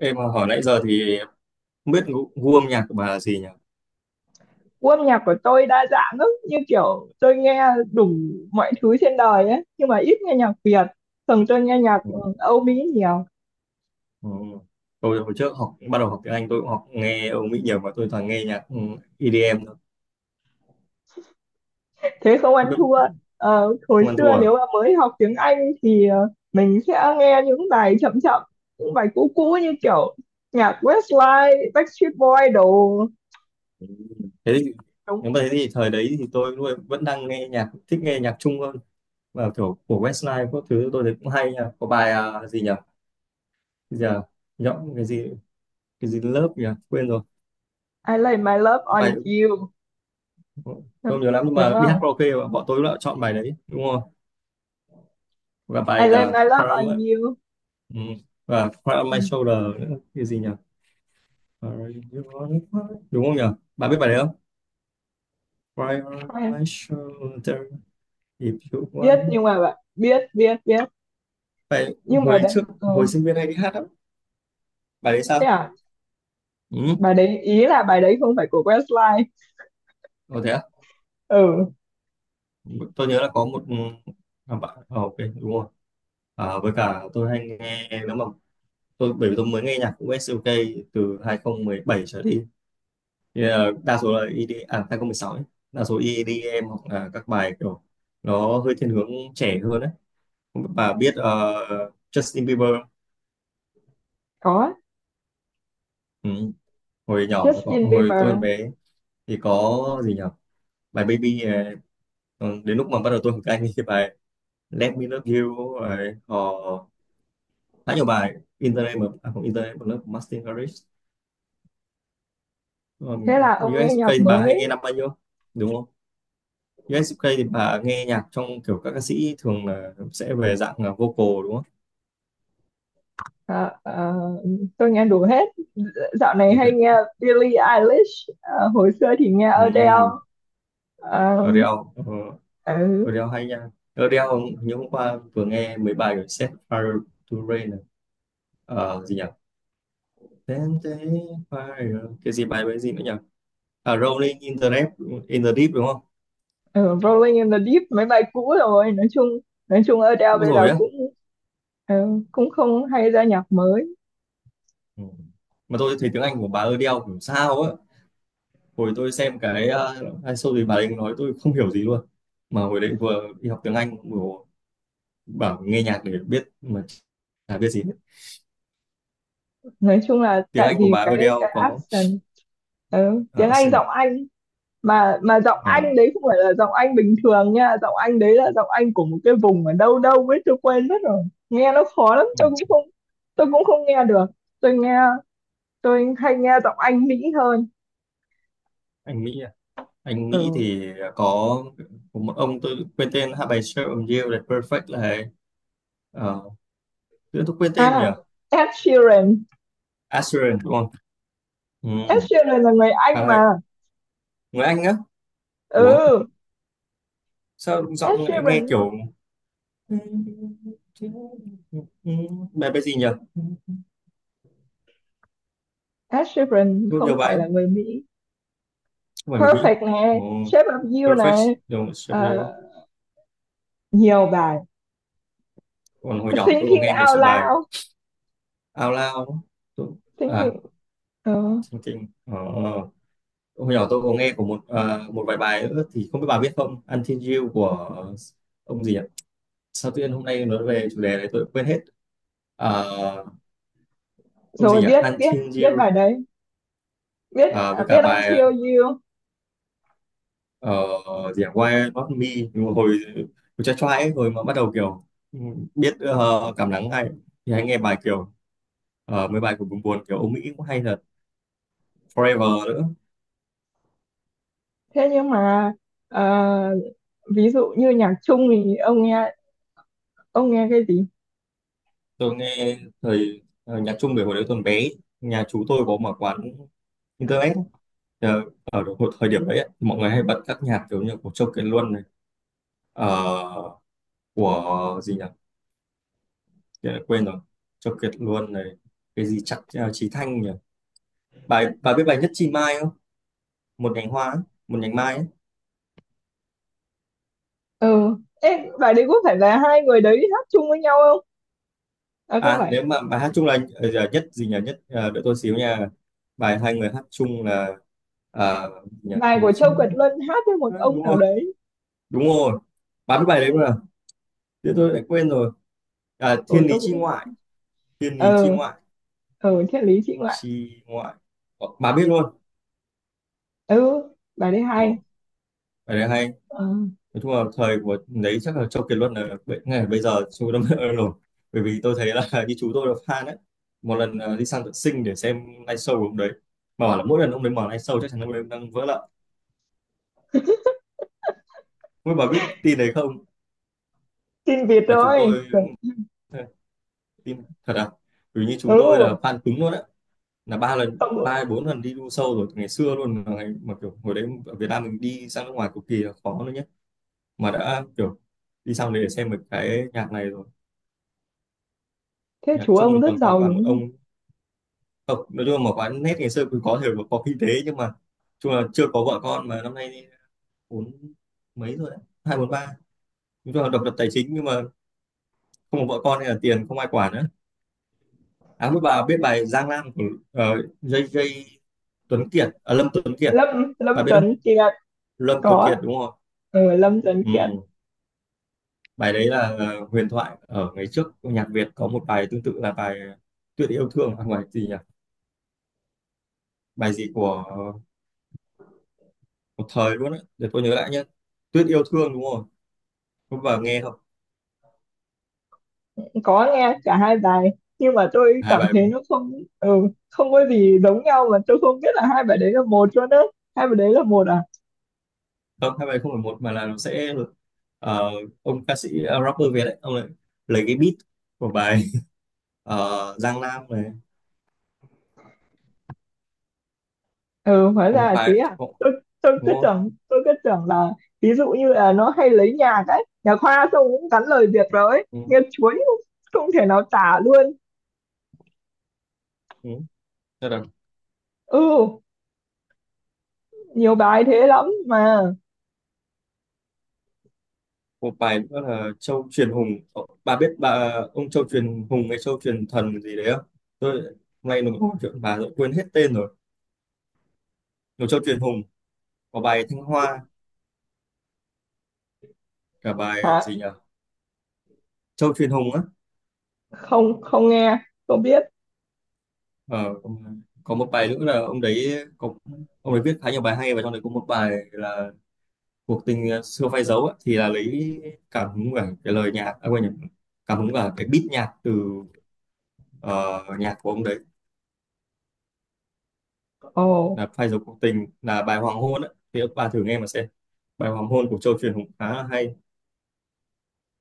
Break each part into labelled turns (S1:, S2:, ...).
S1: Em hỏi nãy giờ thì không biết gu âm nhạc của bà là gì nhỉ?
S2: Gu âm nhạc của tôi đa dạng lắm, như kiểu tôi nghe đủ mọi thứ trên đời ấy, nhưng mà ít nghe nhạc Việt. Thường tôi nghe nhạc
S1: Ừ.
S2: Âu Mỹ nhiều.
S1: Ừ. Tôi hồi trước học bắt đầu học tiếng Anh tôi cũng học nghe Âu Mỹ nhiều và tôi toàn nghe nhạc EDM thôi.
S2: Thế không
S1: Không
S2: ăn
S1: biết
S2: thua. Hồi
S1: không ăn thua
S2: xưa
S1: à?
S2: nếu mà mới học tiếng Anh thì mình sẽ nghe những bài chậm chậm, những bài cũ cũ như kiểu nhạc Westlife, Backstreet Boy đồ.
S1: Ừ. Thế thì,
S2: Đúng.
S1: nếu mà thế thì thời đấy thì tôi luôn- vẫn đang nghe nhạc thích nghe nhạc Trung hơn và kiểu của Westlife các thứ tôi thấy cũng hay nha. Có bài à, gì nhỉ? Bây giờ nhõng cái gì lớp nhỉ? Quên rồi.
S2: I lay my love
S1: Bài
S2: on
S1: tôi
S2: you,
S1: không nhớ lắm nhưng
S2: đúng
S1: mà đi hát
S2: không?
S1: karaoke bọn tôi đã chọn bài đấy đúng không? Và
S2: I
S1: bài
S2: lay
S1: giờ.
S2: my love on you.
S1: Ừ. Và Cry My
S2: Ừ.
S1: Shoulder nữa cái gì nhỉ? Cry on my- đúng không nhỉ, bạn biết bài đấy không? Cry on
S2: Quen.
S1: my shoulder if you
S2: Biết,
S1: want.
S2: nhưng mà bạn biết biết biết.
S1: Bài
S2: Nhưng mà
S1: hồi
S2: đấy,
S1: trước
S2: ừ.
S1: hồi sinh viên hay đi hát lắm, bài đấy
S2: Thế
S1: sao.
S2: à?
S1: Ừ.
S2: Bài đấy ý là bài đấy không phải của Westlife.
S1: Ồ, thế à?
S2: Ừ.
S1: Tôi nhớ là có một à, bạn ok đúng rồi. À, với cả tôi hay nghe nếu mà tôi bởi vì tôi mới nghe nhạc của SUK từ 2017 trở đi thì, đa số là i đi à 2016 ấy. Đa số i đi em hoặc là các bài kiểu nó hơi thiên hướng trẻ hơn đấy. Bà biết Justin Bieber không?
S2: Có.
S1: Ừ. Hồi nhỏ nó có
S2: Justin
S1: hồi tôi còn
S2: Bieber.
S1: bé thì có gì nhỉ, bài Baby ừ, đến lúc mà bắt đầu tôi học anh thì bài Let Me Love You rồi họ khá nhiều bài Internet mà à, không Internet mà nó của Martin Garrix.
S2: Thế là ông nghe nhạc
S1: USK thì bà hay nghe
S2: mới.
S1: năm bao nhiêu đúng không? USK thì bà nghe nhạc trong kiểu các ca sĩ thường là sẽ về dạng là vocal đúng không?
S2: Ờ, ờ, tôi nghe đủ hết. Dạo này
S1: Đúng
S2: hay
S1: vậy.
S2: nghe Billie Eilish. Ờ, hồi xưa thì nghe
S1: Ừ.
S2: Adele. Ờ.
S1: Adele ờ,
S2: Ừ.
S1: Rodeo hay nha. Rodeo hôm- như hôm qua vừa nghe mấy bài của Set Fire to Rain này. Ờ, gì nhỉ? Then they fire. Cái gì bài với gì nữa nhỉ? À, Rolling in the Deep đúng không?
S2: Ừ, Rolling in the Deep mấy bài cũ rồi. Nói chung, nói chung Adele
S1: Cũ
S2: bây giờ
S1: rồi á.
S2: cũng, ừ, cũng không hay ra nhạc mới.
S1: Ừ. Mà tôi thấy tiếng Anh của bà Adele kiểu sao á. Hồi tôi xem cái hay show thì bà ấy nói tôi không hiểu gì luôn. Mà hồi đấy vừa đi học tiếng Anh vừa bảo nghe nhạc để biết mà chả biết gì hết.
S2: Nói chung là
S1: Tiếng
S2: tại
S1: Anh của
S2: vì
S1: bà
S2: cái
S1: Adele
S2: cái
S1: có
S2: accent. Ừ, tiếng Anh,
S1: accent,
S2: giọng Anh. Mà giọng anh
S1: ờ,
S2: đấy không phải là giọng anh bình thường nha, giọng anh đấy là giọng anh của một cái vùng ở đâu đâu ấy, tôi quên mất rồi. Nghe nó khó lắm, tôi cũng
S1: ừ.
S2: không, tôi cũng không nghe được. Tôi nghe, tôi hay nghe giọng anh Mỹ hơn.
S1: Anh Mỹ, anh
S2: Ừ.
S1: Mỹ thì có một ông tôi quên tên hát bài Shape of You là Perfect là ấy. Ờ, tự nhiên tôi quên tên nhỉ.
S2: À, Ed Sheeran.
S1: Assurance đúng không. Ừ.
S2: Ed Sheeran là người Anh
S1: À,
S2: mà.
S1: người Anh á. Ủa
S2: Ừ.
S1: sao
S2: Ed
S1: giọng lại nghe
S2: Sheeran.
S1: kiểu bài bài gì nhỉ,
S2: Ed Sheeran
S1: nhiều
S2: không
S1: nhiều bài
S2: phải là
S1: lắm,
S2: người Mỹ.
S1: không phải người Mỹ.
S2: Perfect
S1: Ồ,
S2: này, Shape of You
S1: Perfect
S2: này.
S1: đúng, Shape of
S2: Ờ,
S1: You.
S2: nhiều bài.
S1: Còn hồi nhỏ tôi có
S2: Thinking
S1: nghe một
S2: Out
S1: số bài
S2: Loud.
S1: Out Loud tôi... À
S2: Thinking. Ừ.
S1: Thinking. Trình. Hôm nhỏ tôi có nghe của một à, một vài bài nữa thì không biết bà biết không, Until You của ông gì nhỉ, sao tự nhiên hôm nay nói về chủ đề này tôi quên hết. À, ông gì
S2: Rồi,
S1: nhỉ
S2: biết biết
S1: Until
S2: biết
S1: You.
S2: bài đấy. Biết.
S1: À, với cả
S2: Biết
S1: bài
S2: Until You.
S1: ờ, gì nhỉ? Why Not Me. Nhưng mà hồi hồi trai trai ấy, hồi mà bắt đầu kiểu ừ, biết cảm nắng hay thì hay nghe bài kiểu mấy bài của buồn buồn kiểu Âu Mỹ cũng hay thật. Forever nữa.
S2: Thế nhưng mà, ờ, ví dụ như nhạc chung thì ông nghe, ông nghe cái gì?
S1: Tôi nghe thời nhạc Trung về hồi đấy tôi còn bé, nhà chú tôi có mở quán internet ấy. Ờ, ở độ- thời điểm đấy ấy, mọi người hay bật các nhạc kiểu như của Châu Kiệt Luân này ờ, của gì nhỉ, tự nhiên quên rồi, Châu Kiệt Luân này, cái gì chắc Chí Thanh nhỉ, bài bà biết bài Nhất Chi Mai không, một nhành hoa ấy, một nhành mai ấy.
S2: Ừ. Ê, bài đấy có phải là hai người đấy hát chung với nhau không? À không
S1: À
S2: phải.
S1: nếu mà bài hát chung là giờ nhất gì nhỉ nhất đợi tôi xíu nha, bài hai người hát chung là gì nhỉ
S2: Bài
S1: Một
S2: của Châu Kiệt
S1: sinh-
S2: Luân hát với một ông
S1: đúng
S2: nào
S1: rồi,
S2: đấy.
S1: đúng rồi. Bà biết bài đấy không nào, thế tôi lại quên rồi. À, Thiên
S2: Ừ
S1: Lý
S2: tôi
S1: Chi
S2: cũng,
S1: Ngoại. Thiên Lý Chi
S2: ờ,
S1: Ngoại
S2: ờ triết lý chị ngoại.
S1: Chi ngoại. Ờ, bà biết luôn.
S2: Ừ, bài đấy
S1: Ờ,
S2: hay.
S1: cái đấy hay.
S2: Ờ,
S1: Nói chung là thời của đấy chắc là Châu Kiệt Luân là bây- ngay bây giờ chú đâm rồi, bởi vì tôi thấy là như chú tôi là fan đấy, một lần đi sang tận sinh để xem live show của ông đấy mà bảo là mỗi lần ông đấy mở live show chắc chắn ông đấy đang vỡ lợ. Không bà biết tin đấy không,
S2: tin Việt
S1: mà chú
S2: rồi.
S1: tôi tin thật à, bởi vì như chú tôi là
S2: Ừ.
S1: fan cứng luôn đấy, là ba lần
S2: ông,
S1: ba hay bốn lần đi du show rồi từ ngày xưa luôn mà, ngày, mà kiểu hồi đấy ở Việt Nam mình đi sang nước ngoài cực kỳ là khó, mà đã kiểu đi sang đấy để xem một cái nhạc này rồi.
S2: Thế
S1: Nhạc
S2: chú
S1: Trung
S2: ông
S1: thì
S2: rất
S1: còn có
S2: giàu
S1: cả
S2: đúng
S1: một
S2: không?
S1: ông, không nói chung là một quán nét ngày xưa cũng có thể là có kinh tế nhưng mà chung là chưa có vợ con mà năm nay thì bốn mấy rồi đấy hai bốn ba, nói chung là độc lập tài chính nhưng mà không có vợ con hay là tiền không ai quản nữa. À mới bà biết bài Giang Nam của ờ, JJ Tuấn Kiệt à, Lâm Tuấn Kiệt,
S2: Lâm Lâm
S1: bà biết không,
S2: Tuấn Kiệt.
S1: Lâm Tuấn
S2: Có.
S1: Kiệt đúng không.
S2: Ừ, Lâm Tuấn Kiệt.
S1: Ừ. Bài đấy là huyền thoại ở ngày trước, nhạc Việt có một bài tương tự là bài Tuyệt yêu thương à, không phải gì nhỉ, bài gì của một thời luôn á, để tôi nhớ lại nhé. Tuyết yêu thương đúng không, không vào nghe không.
S2: Có nghe cả hai bài, nhưng mà tôi
S1: Hai
S2: cảm
S1: bài,
S2: thấy nó không, ừ, không có gì giống nhau mà. Tôi không biết là hai bài đấy là một cho đó. Hai bài đấy là một à?
S1: không hai bài không phải một mà là nó sẽ ờ, ông ca sĩ rapper Việt đấy ông lại lấy cái beat của bài Giang Nam này,
S2: Ừ, hóa ra
S1: không
S2: là thế
S1: phải
S2: à. Tôi cứ
S1: đúng không.
S2: tưởng, tôi cứ tưởng là ví dụ như là nó hay lấy nhạc ấy nhà khoa xong cũng gắn lời Việt rồi ấy,
S1: ừ,
S2: nghe chuối không, không thể nào tả luôn.
S1: ừ. Thế là
S2: Ừ, nhiều bài thế lắm mà.
S1: một bài nữa là Châu Truyền Hùng. Ờ, bà biết bà ông Châu Truyền Hùng hay Châu Truyền Thần gì đấy không, tôi hôm nay nó có một chuyện bà rồi quên hết tên rồi. Một Châu Truyền Hùng có bài Thanh Hoa cả bài
S2: Hả?
S1: gì nhỉ, Châu Truyền Hùng á.
S2: Không, không nghe. Không biết.
S1: Ờ, có một bài nữa là ông đấy có, ông ấy viết khá nhiều bài hay và trong đấy có một bài là cuộc tình xưa phai dấu á, thì là lấy cảm hứng cả cái lời nhạc à, quên nhầm, cảm hứng cả cái beat nhạc từ ờ, nhạc của ông đấy,
S2: Ồ.
S1: là phai dấu cuộc tình là bài hoàng hôn ấy, thì các bà thử nghe mà xem, bài hoàng hôn của Châu Truyền cũng khá là hay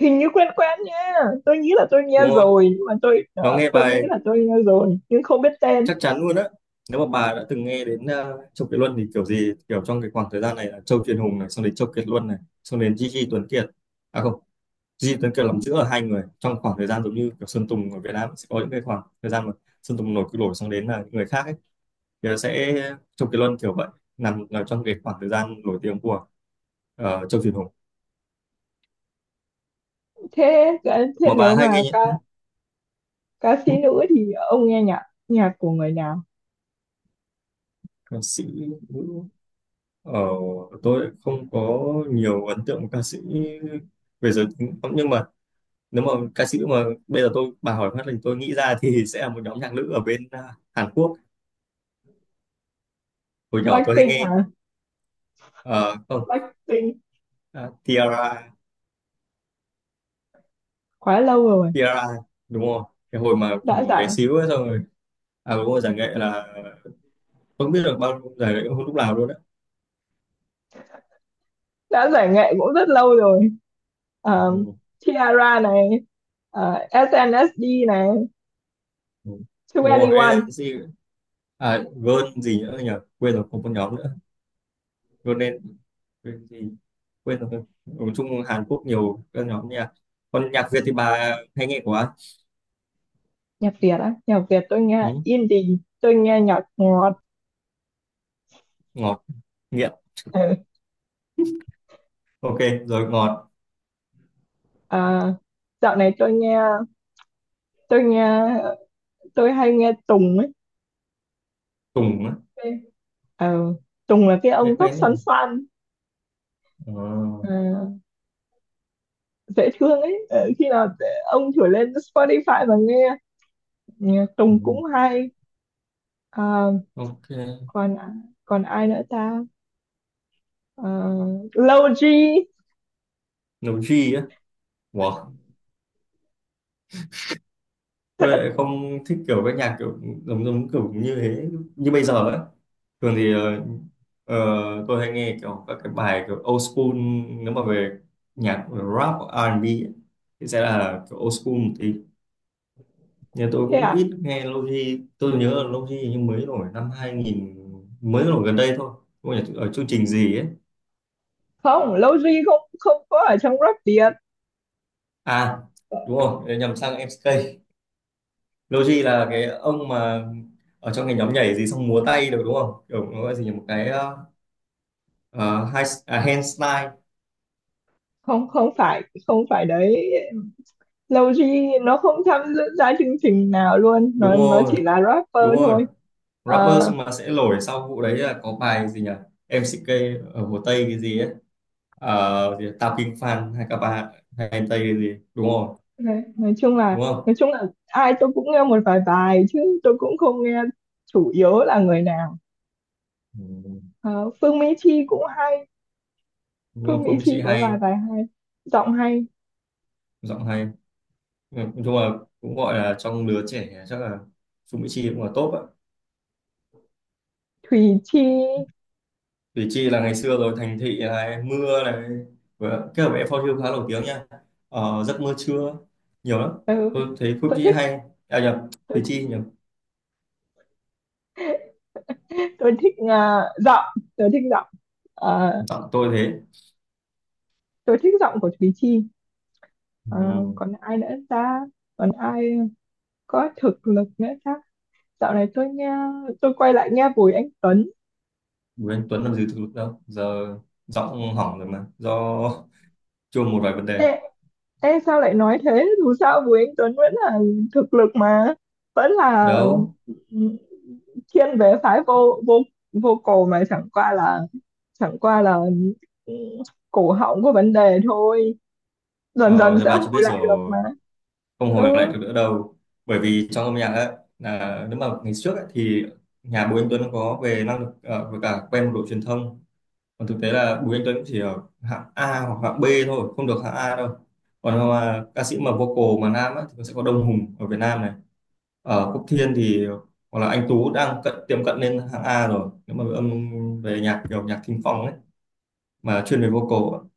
S2: Hình như quen quen nha. Tôi nghĩ là tôi
S1: đúng
S2: nghe
S1: không.
S2: rồi, nhưng mà tôi,
S1: Nó nghe
S2: tôi nghĩ
S1: bài
S2: là tôi nghe rồi nhưng không biết tên.
S1: chắc chắn luôn á, nếu mà bà đã từng nghe đến Châu Kiệt Luân thì kiểu gì kiểu trong cái khoảng thời gian này là Châu Truyền Hùng này xong đến Châu Kiệt Luân này xong đến Gigi Tuấn Kiệt, à không, Duy Tuấn Kiệt làm chữ ở hai người trong khoảng thời gian giống như kiểu Sơn Tùng ở Việt Nam sẽ có những cái khoảng thời gian mà Sơn Tùng nổi cứ nổi xong đến là những người khác ấy thì nó sẽ Châu Kiệt Luân kiểu vậy, nằm, ở trong cái khoảng thời gian nổi tiếng của Châu Việt Hùng.
S2: Thế thế
S1: Mà
S2: nếu
S1: bà hay nghe
S2: mà
S1: những à,
S2: ca, ca sĩ
S1: ừ,
S2: nữ thì ông nghe nhạc, nhạc của người nào?
S1: ca sĩ nữ ờ, tôi không có nhiều ấn tượng ca sĩ về giới tính lắm. Nhưng mà nếu mà ca sĩ mà bây giờ tôi bà hỏi phát thì tôi nghĩ ra thì sẽ là một nhóm nhạc nữ ở bên à, Hàn Quốc, hồi nhỏ tôi hay
S2: Blackpink
S1: nghe
S2: hả?
S1: ờ, không,
S2: Blackpink
S1: à, Tiara,
S2: quá lâu rồi,
S1: Kira đúng không, cái hồi mà
S2: đã
S1: bé
S2: giải,
S1: xíu ấy, xong rồi. À đúng rồi giải nghệ là không biết được bao giải nghệ không lúc nào luôn đấy.
S2: đã giải nghệ cũng rất lâu rồi.
S1: ừ,
S2: Ờ,
S1: ừ.
S2: Ciara này, ờ, SNSD này,
S1: ừ. Đúng rồi ê,
S2: 2NE1.
S1: cái gì, à Gơn gì nữa nhỉ, quên rồi không có nhóm nữa, Gơn nên quên gì, quên rồi nói chung Hàn Quốc nhiều các nhóm nha. Còn nhạc Việt thì bà hay nghe của ai?
S2: Nhạc Việt á, nhạc Việt tôi nghe
S1: ừ,
S2: indie, tôi nghe nhạc ngọt.
S1: Ngọt, nghiện,
S2: Ừ.
S1: ok rồi ngọt.
S2: Ờ, dạo này tôi nghe, tôi nghe, tôi hay nghe Tùng ấy.
S1: Tùng á,
S2: Ờ, Tùng là cái ông
S1: nghe
S2: tóc
S1: quen đấy
S2: xoăn
S1: nhỉ.
S2: xoăn,
S1: Ờ,
S2: ờ, dễ thương ấy. Ông thử lên Spotify và nghe. Nhạc Tùng
S1: Tùng.
S2: cũng hay. Ờ,
S1: Ok.
S2: còn, còn ai nữa ta? Ờ, Low G.
S1: Nấu G á, wow, tôi lại không thích kiểu các nhạc kiểu giống giống kiểu như thế, như bây giờ ấy. Thường thì tôi hay nghe kiểu các cái bài kiểu old school. Nếu mà về nhạc rap R&B ấy, thì sẽ là kiểu old school một tí. Nhưng tôi
S2: Thế
S1: cũng
S2: à?
S1: ít nghe Lofi, tôi nhớ là Lofi nhưng mới nổi năm hai nghìn, mới nổi gần đây thôi, không phải ở chương trình gì ấy.
S2: Không, Low G không, không có ở trong rap Việt.
S1: À đúng rồi, nhầm sang MCK. Lofi là cái ông mà ở trong cái nhóm nhảy gì xong múa tay được đúng không, kiểu nó gọi gì nhỉ? Một cái ờ, hai à, Handslide.
S2: Không, không phải, không phải đấy. Low G nó không tham gia chương trình nào luôn,
S1: Đúng
S2: nó
S1: rồi,
S2: chỉ là
S1: đúng
S2: rapper
S1: rồi,
S2: thôi.
S1: rapper
S2: Ờ.
S1: mà sẽ nổi sau vụ đấy là có bài gì nhỉ, em MCK ở Hồ Tây cái gì ấy. Ờ, gì Tao Kinh Phan hay các bạn hay em Tây cái gì, đúng rồi.
S2: Nói chung là,
S1: Đúng
S2: nói
S1: không.
S2: chung là ai tôi cũng nghe một vài bài chứ tôi cũng không nghe chủ yếu là người nào.
S1: Ừ.
S2: Ờ, Phương Mỹ Chi cũng hay.
S1: Đúng
S2: Phương
S1: không,
S2: Mỹ
S1: Phương Mỹ
S2: Chi
S1: Chi
S2: có vài
S1: hay,
S2: bài hay, giọng hay.
S1: giọng hay. Ừ, nói chung là cũng gọi là trong lứa trẻ chắc là Phương Mỹ Chi cũng là top á.
S2: Thùy Chi.
S1: Củ Chi là ngày xưa rồi, thành thị này, mưa này, và kết hợp với phao thiêu khá nổi tiếng nha. Ờ, giấc mơ trưa, nhiều lắm.
S2: Ừ,
S1: Tôi thấy Củ
S2: tôi
S1: Chi
S2: thích,
S1: hay. À nhầm,
S2: tôi,
S1: Củ Chi nhầm.
S2: tôi thích, giọng, tôi thích giọng. Ờ,
S1: Giọng tôi thế.
S2: tôi thích giọng của Thùy Chi.
S1: Ừ.
S2: Ờ, còn ai nữa ta? Còn ai có thực lực nữa ta? Dạo này tôi nghe, tôi quay lại nghe Bùi Anh Tuấn.
S1: Bùi Anh Tuấn làm gì thực lực đâu giờ, giọng hỏng rồi mà do chuông một vài vấn đề.
S2: Ê, ê sao lại nói thế? Dù sao Bùi Anh Tuấn vẫn là thực lực mà, vẫn là,
S1: Đâu,
S2: ừ, thiên về phái vô vô vô cổ, mà chẳng qua là, chẳng qua là, ừ, cổ họng có vấn đề thôi. Dần
S1: ờ,
S2: dần
S1: thì
S2: sẽ
S1: bà chưa
S2: hồi
S1: biết
S2: lại được mà.
S1: rồi, không hồi lại
S2: Ừ.
S1: được nữa đâu. Bởi vì trong âm nhạc ấy, là nếu mà ngày trước ấy, thì nhà Bùi Anh Tuấn có về năng lực với cả quen một đội truyền thông, còn thực tế là Bùi Anh Tuấn chỉ ở hạng A hoặc hạng B thôi, không được hạng A đâu. Còn mà ca sĩ mà vocal mà nam ấy, thì sẽ có Đông Hùng ở Việt Nam này, ở Quốc Thiên thì, hoặc là anh Tú đang cận tiệm cận lên hạng A rồi, nếu mà âm về nhạc kiểu nhạc thính phòng ấy, mà chuyên về vocal ấy.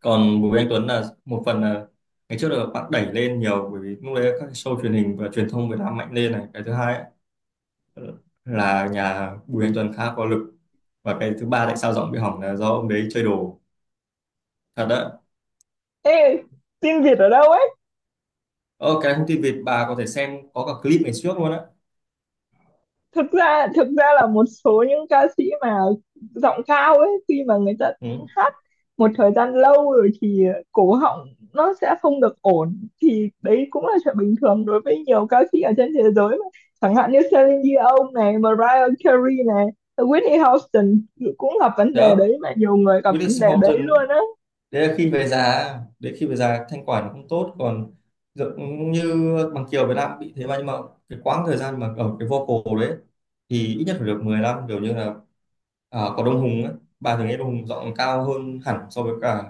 S1: Còn Bùi Anh Tuấn là một phần là ngày trước là bạn đẩy lên nhiều, bởi vì lúc đấy các show truyền hình và truyền thông Việt Nam mạnh lên này, cái thứ hai ấy, là nhà Bùi Anh Tuấn khá có lực, và cái thứ ba tại sao giọng bị hỏng là do ông đấy chơi đồ, thật đấy.
S2: Ê, tin Việt ở đâu ấy.
S1: Ờ, cái thông tin Việt bà có thể xem, có cả clip ngày trước luôn á.
S2: Thực ra, thực ra là một số những ca sĩ mà giọng cao ấy, khi mà người ta
S1: Ừ.
S2: hát một thời gian lâu rồi thì cổ họng nó sẽ không được ổn, thì đấy cũng là chuyện bình thường đối với nhiều ca sĩ ở trên thế giới mà. Chẳng hạn như Celine Dion này, Mariah Carey này, Whitney Houston cũng gặp vấn đề
S1: Đó,
S2: đấy mà, nhiều người gặp vấn
S1: Willis
S2: đề đấy
S1: Horton.
S2: luôn á.
S1: Đấy là khi về già, đấy khi về già thanh quản nó cũng tốt. Còn giống như bằng Kiều Việt Nam bị thế mà, nhưng mà cái quãng thời gian mà ở cái vocal đấy thì ít nhất phải được 10 năm, kiểu như là à, có Đông Hùng ấy. Bà thường nghe Đông Hùng giọng cao hơn hẳn so với cả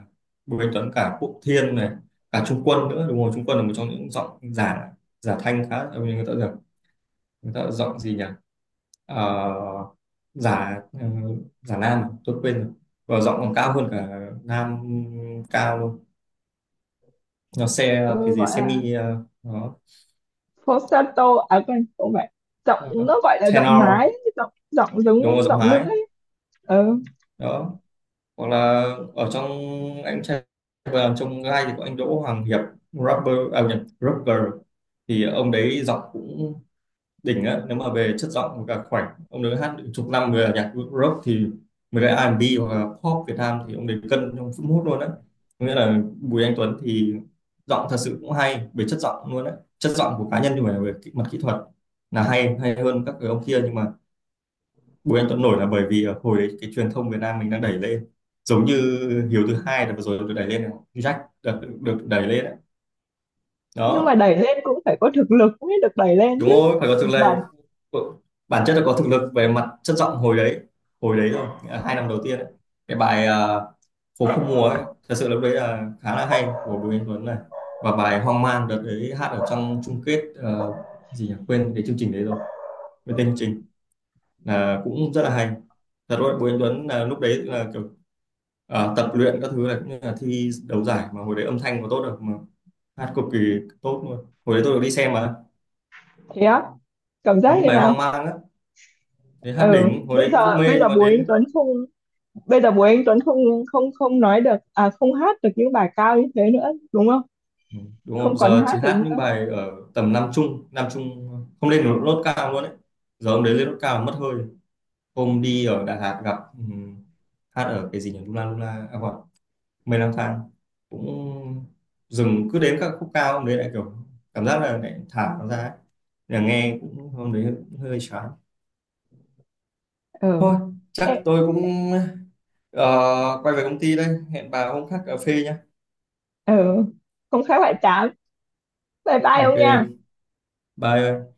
S1: Bùi Anh Tuấn, cả Quốc Thiên này, cả Trung Quân nữa. Đúng rồi, Trung Quân là một trong những giọng giả, giả thanh khá, người ta, người ta giọng gì nhỉ, Ờ, giả giả nam à? Tôi quên rồi, và giọng còn cao hơn cả nam cao luôn, nó xe
S2: Ừ,
S1: cái gì
S2: gọi là
S1: semi nó,
S2: falsetto à, quên, không phải. Giọng
S1: ờ,
S2: nó gọi là giọng mái.
S1: tenor.
S2: Giọng giọng giống
S1: Đúng rồi, giọng
S2: giọng nữ
S1: hái.
S2: ấy. Ừ.
S1: Đó, hoặc là ở trong anh trai, và trong gai thì có anh Đỗ Hoàng Hiệp, rapper à nhầm, rapper thì ông đấy giọng cũng đỉnh á, nếu mà về chất giọng. Và khoảnh ông đấy hát được chục năm về nhạc rock, thì mấy cái R&B hoặc là pop Việt Nam thì ông đấy cân trong phút mút luôn á. Nghĩa là Bùi Anh Tuấn thì giọng thật sự cũng hay về chất giọng luôn á, chất giọng của cá nhân, nhưng mà về mặt kỹ thuật là hay hay hơn các cái ông kia, nhưng mà Bùi Anh Tuấn nổi là bởi vì hồi đấy cái truyền thông Việt Nam mình đang đẩy lên, giống như Hiếu thứ hai là vừa rồi được đẩy lên này, Jack được, được đẩy lên đấy.
S2: Nhưng mà
S1: Đó.
S2: đẩy lên cũng phải có thực lực mới được đẩy lên
S1: Đúng
S2: chứ
S1: rồi, phải có thực
S2: bạn.
S1: lực, bản chất là có thực lực về mặt chất giọng hồi đấy, hồi đấy rồi, nghĩa là 2 năm đầu tiên ấy. Cái bài à, phố không mùa ấy, thật sự lúc đấy là khá là hay của Bùi Anh Tuấn này. Và bài hoang mang đợt đấy hát ở trong chung kết ờ, gì nhỉ, quên cái chương trình đấy rồi, quên tên chương trình, là cũng rất là hay. Thật rồi, Bùi Anh Tuấn là lúc đấy là kiểu ờ, tập luyện các thứ là cũng như là thi đấu giải, mà hồi đấy âm thanh có tốt được mà hát cực kỳ tốt luôn, hồi đấy tôi được đi xem mà.
S2: Thế á? Cảm
S1: Ừ,
S2: giác thế
S1: bài
S2: nào?
S1: hoang mang á, thế hát
S2: Ừ
S1: đỉnh hồi
S2: bây
S1: đấy
S2: giờ,
S1: cũng mê,
S2: bây giờ
S1: nhưng mà
S2: Bùi Anh
S1: đến
S2: Tuấn không, bây giờ Bùi Anh Tuấn không, không, không nói được, à không hát được những bài cao như thế nữa đúng không?
S1: ừ, đúng
S2: Không
S1: không,
S2: còn
S1: giờ
S2: hát
S1: chỉ
S2: được
S1: hát những
S2: nữa.
S1: bài ở tầm nam trung, nam trung, không lên được nốt cao luôn đấy. Giờ hôm đấy lên nốt cao là mất hơi. Hôm đi ở Đà Lạt gặp hát ở cái gì nhỉ, Luna Luna à quên, Mây lang thang, cũng dừng cứ đến các khúc cao hôm đấy lại kiểu cảm giác là lại thả nó ra ấy. Là nghe cũng hôm đấy hơi chán.
S2: Ừ.
S1: Thôi,
S2: Ê.
S1: chắc tôi cũng ờ, quay về công ty đây, hẹn bà hôm khác cà phê nhá.
S2: Ừ, không khác bạn tám, bye bye ông
S1: Ok,
S2: nha.
S1: bye.